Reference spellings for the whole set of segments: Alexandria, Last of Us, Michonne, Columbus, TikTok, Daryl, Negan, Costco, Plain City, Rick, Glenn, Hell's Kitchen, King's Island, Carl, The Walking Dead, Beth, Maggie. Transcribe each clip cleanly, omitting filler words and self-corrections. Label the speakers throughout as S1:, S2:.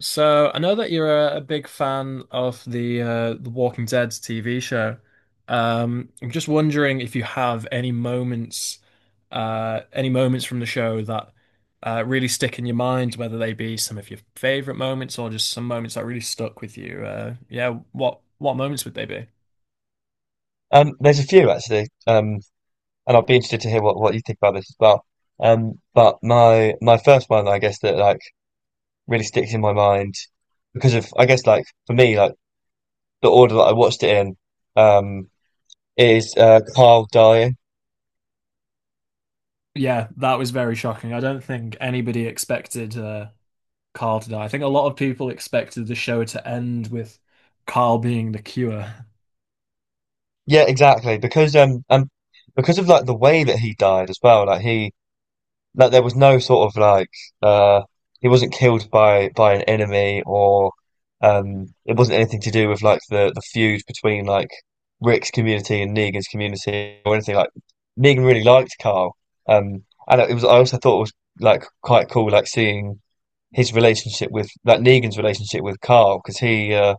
S1: So I know that you're a big fan of the Walking Dead TV show. I'm just wondering if you have any moments, any moments from the show that really stick in your mind, whether they be some of your favorite moments or just some moments that really stuck with you. Yeah, what moments would they be?
S2: There's a few actually. And I'd be interested to hear what you think about this as well. But my first one, I guess, that like really sticks in my mind because of, I guess, like for me, like the order that I watched it in, um, is Carl dying.
S1: Yeah, that was very shocking. I don't think anybody expected Carl to die. I think a lot of people expected the show to end with Carl being the cure.
S2: Yeah, exactly. Because of like the way that he died as well. Like there was no sort of like uh he wasn't killed by an enemy, or it wasn't anything to do with like the feud between like Rick's community and Negan's community or anything. Like Negan really liked Carl, and it was, I also thought it was like quite cool, like seeing his relationship with, like, Negan's relationship with Carl, because he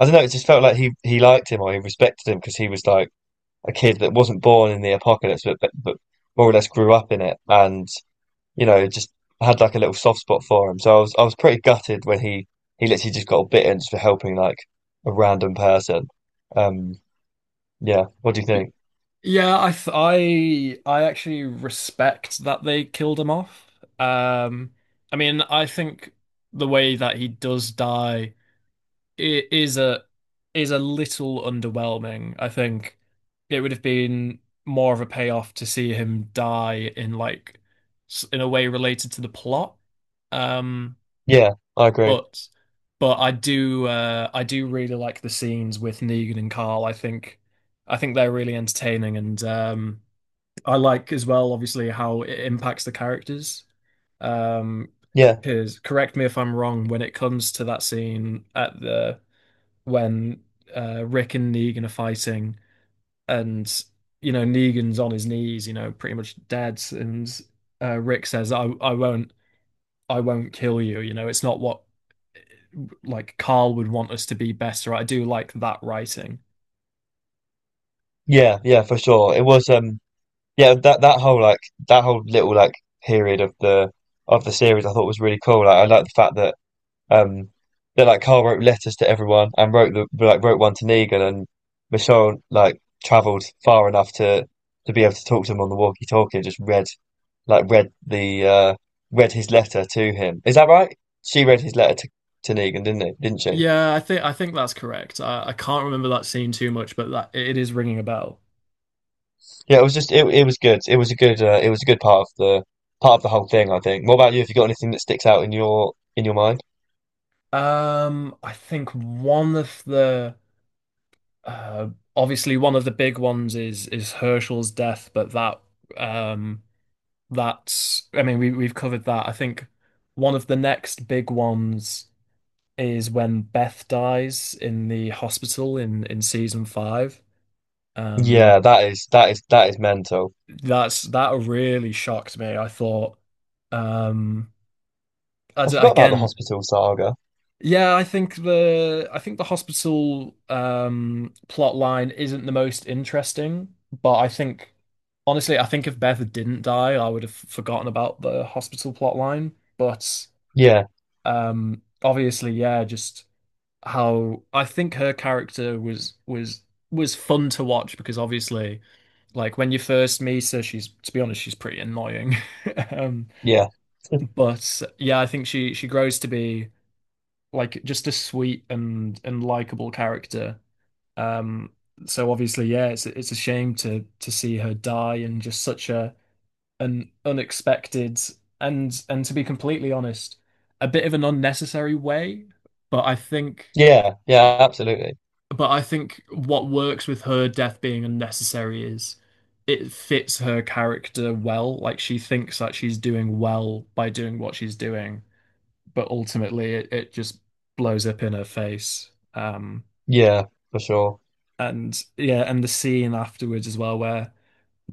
S2: I don't know, it just felt like he liked him, or he respected him because he was like a kid that wasn't born in the apocalypse but more or less grew up in it and, you know, just had like a little soft spot for him. So I was pretty gutted when he literally just got bitten just for helping like a random person. Um, yeah. What do you think?
S1: Yeah, I actually respect that they killed him off. Um, I mean, I think the way that he does die i- is a is a little underwhelming. I think it would have been more of a payoff to see him die in like in a way related to the plot. Um,
S2: Yeah, I agree.
S1: but but I do really like the scenes with Negan and Carl. I think they're really entertaining and. I like as well, obviously, how it impacts the characters. Um,
S2: Yeah,
S1: because correct me if I'm wrong, when it comes to that scene at the when Rick and Negan are fighting, and you know Negan's on his knees, you know, pretty much dead, and Rick says, I won't kill you, you know, it's not what like Carl would want us to be better. At. I do like that writing.
S2: yeah, yeah, for sure. It was, yeah, that whole like that whole little like period of the series, I thought was really cool. Like I like the fact that, Um, then like Carl wrote letters to everyone and wrote the, like, wrote one to Negan, and Michonne like travelled far enough to be able to talk to him on the walkie-talkie and just read, like read the read his letter to him. Is that right? She read his letter to Negan, didn't it? Didn't she?
S1: Yeah, I think that's correct. I can't remember that scene too much, but that it is ringing a bell.
S2: Yeah, it was just it was good. It was a good, it was a good part of the whole thing, I think. What about you? Have you got anything that sticks out in your mind?
S1: I think one of the uh, obviously one of the big ones is Herschel's death, but um that's I mean we've covered that. I think one of the next big ones is when Beth dies in the hospital in season five. Um,
S2: Yeah, that is, that is, that is mental.
S1: that's that really shocked me. I thought um
S2: I
S1: as
S2: forgot about the
S1: again.
S2: hospital saga.
S1: Yeah, I think the hospital plot line isn't the most interesting, but I think honestly, I think if Beth didn't die, I would have forgotten about the hospital plot line. But
S2: Yeah,
S1: obviously, yeah, just how I think her character was fun to watch because obviously, like when you first meet her, she's to be honest, she's pretty annoying. Um
S2: yeah.
S1: but yeah, I think she grows to be like just a sweet and likable character. Um, so obviously, yeah, it's a shame to see her die and just such a an unexpected and, to be completely honest, a bit of an unnecessary way. But I think
S2: Yeah, yeah, absolutely.
S1: but I think what works with her death being unnecessary is it fits her character well. Like she thinks that she's doing well by doing what she's doing, but ultimately it just blows up in her face.
S2: Yeah, for sure.
S1: And yeah, and the scene afterwards as well, where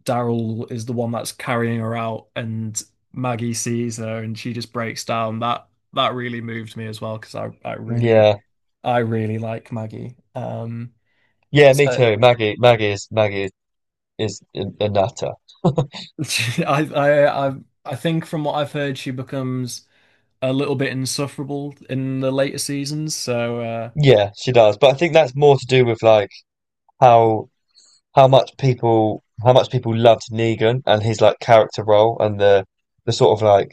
S1: Daryl is the one that's carrying her out, and Maggie sees her and she just breaks down. That that really moved me as well because I really
S2: Yeah,
S1: I really like Maggie.
S2: yeah, me
S1: So
S2: too. Maggie, Maggie is, Maggie is a nutter.
S1: I I I I think from what I've heard, she becomes a little bit insufferable in the later seasons. So
S2: Yeah, she does. But I think that's more to do with like how how much people loved Negan and his like character role, and the sort of like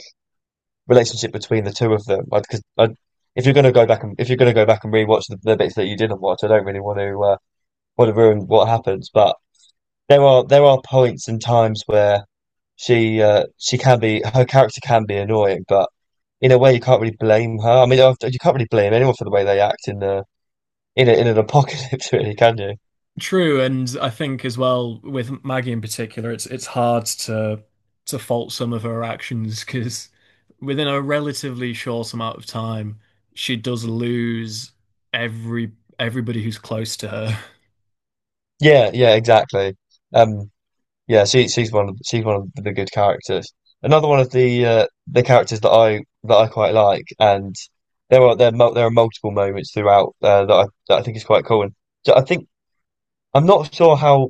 S2: relationship between the two of them. Because if you're gonna go back, and rewatch the bits that you didn't watch. I don't really want to, want to ruin what happens. But there are points and times where she can be her character can be annoying, but in a way you can't really blame her. I mean, you can't really blame anyone for the way they act in the in a, in an apocalypse, really, can you?
S1: true, and I think as well with Maggie in particular, it's hard to fault some of her actions because within a relatively short amount of time, she does lose every everybody who's close to her.
S2: Yeah, yeah, exactly. Um, yeah, she's one of, she's one of the good characters. Another one of the, the characters that I quite like. And there are multiple moments throughout, that I think is quite cool. And so I think I'm not sure how,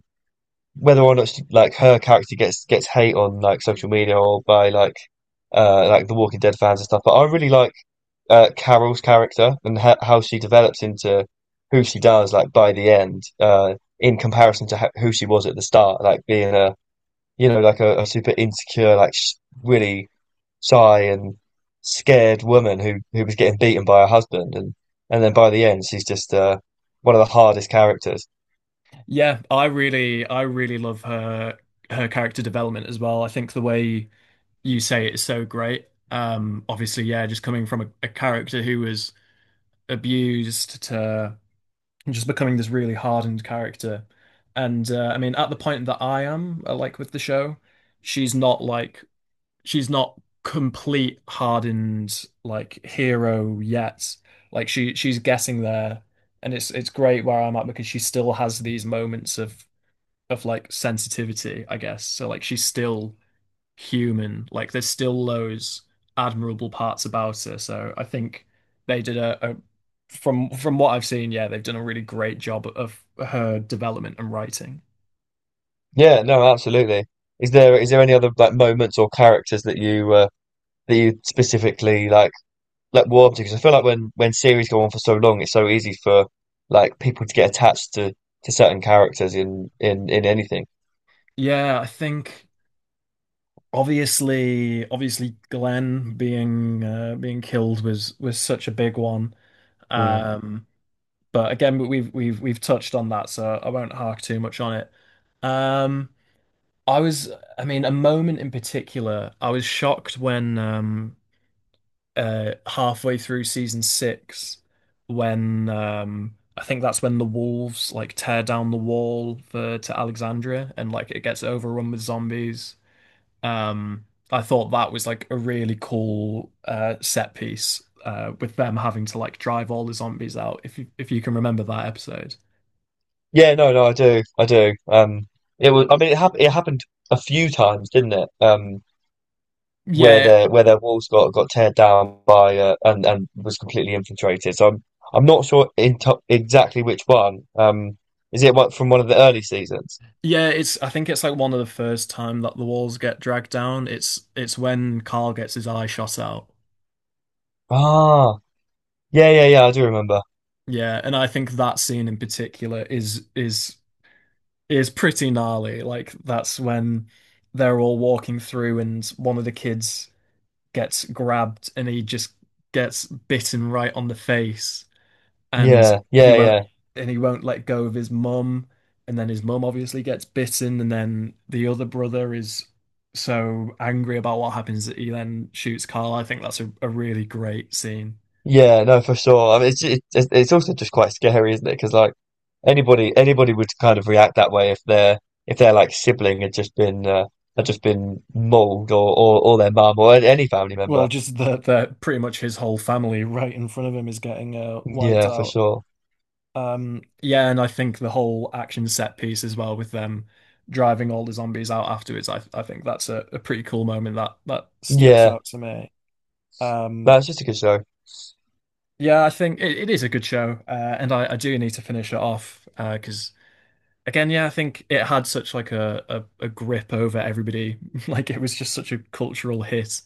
S2: whether or not she, like her character, gets hate on like social media or by like, like The Walking Dead fans and stuff. But I really like, Carol's character, and ha how she develops into who she does, like by the end, uh, in comparison to ho who she was at the start. Like being a, you know, like a super insecure, like sh really shy and scared woman who was getting beaten by her husband, and then by the end she's just, one of the hardest characters.
S1: Yeah, I really love her her character development as well. I think the way you say it is so great. Obviously, yeah, just coming from a character who was abused to and just becoming this really hardened character. And I mean, at the point that I am, like with the show, she's not like she's not complete hardened like hero yet. Like she's getting there, and it's great where I'm at because she still has these moments of like sensitivity, I guess. So like she's still human. Like there's still those admirable parts about her. So I think they did a from what I've seen, yeah, they've done a really great job of her development and writing.
S2: Yeah, no, absolutely. Is there any other like moments or characters that you, that you specifically like warm to? Because I feel like when series go on for so long, it's so easy for like people to get attached to certain characters in in anything.
S1: Yeah, I think obviously Glenn being being killed was such a big one.
S2: Mm.
S1: Um, but again, we've touched on that, so I won't hark too much on it. Um, I was, I mean, a moment in particular, I was shocked when halfway through season six when I think that's when the wolves like tear down the wall for to Alexandria and like it gets overrun with zombies. Um I thought that was like a really cool set piece with them having to like drive all the zombies out if you can remember that episode.
S2: Yeah, no, no, I do, I do. It was, I mean, it happened a few times, didn't it?
S1: Yeah.
S2: Where their walls got teared down by, and was completely infiltrated. So I'm not sure in to exactly which one. Is it one from one of the early seasons?
S1: Yeah, it's I think it's like one of the first time that the walls get dragged down. It's when Carl gets his eye shot out.
S2: Ah, yeah, yeah, yeah. I do remember.
S1: Yeah, and I think that scene in particular is pretty gnarly. Like that's when they're all walking through and one of the kids gets grabbed and he just gets bitten right on the face and
S2: Yeah,
S1: he
S2: yeah,
S1: won't
S2: yeah,
S1: and he won't let go of his mum and then his mum obviously gets bitten and then the other brother is so angry about what happens that he then shoots Carl. I think that's a really great scene.
S2: yeah. No, for sure. I mean, it's it's also just quite scary, isn't it? Because like anybody would kind of react that way if their, like sibling had just been, had just been mauled, or or their mum, or any family member.
S1: Well, just that that pretty much his whole family right in front of him is getting wiped
S2: Yeah, for
S1: out.
S2: sure.
S1: Yeah, and I think the whole action set piece as well with them driving all the zombies out afterwards. I think that's a pretty cool moment that that sticks
S2: Yeah,
S1: out to me. Um,
S2: that's just a good show.
S1: yeah, I think it is a good show, and I do need to finish it off because again, yeah, I think it had such like a grip over everybody. Like it was just such a cultural hit.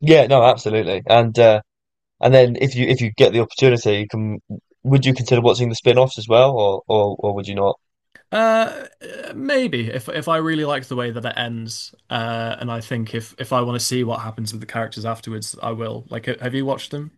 S2: Yeah, no, absolutely. And, and then if you get the opportunity, you can, would you consider watching the spin-offs as well, or or would you not?
S1: Uh, Maybe if I really like the way that it ends, and I think if I want to see what happens with the characters afterwards, I will. Like, have you watched them?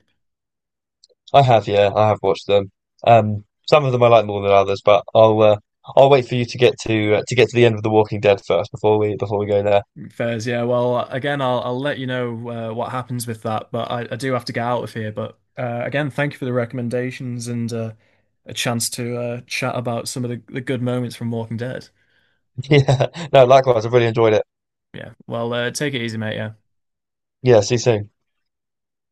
S2: I have, yeah, I have watched them. Some of them I like more than others, but I'll, I'll wait for you to get to, to get to the end of The Walking Dead first before we go there.
S1: Fairs, yeah. Well, again, I'll let you know what happens with that, but I do have to get out of here. But again, thank you for the recommendations and a chance to chat about some of the good moments from Walking Dead.
S2: Yeah, no, likewise, I've really enjoyed it.
S1: Yeah. Well, take it easy, mate. Yeah.
S2: Yeah, see you soon.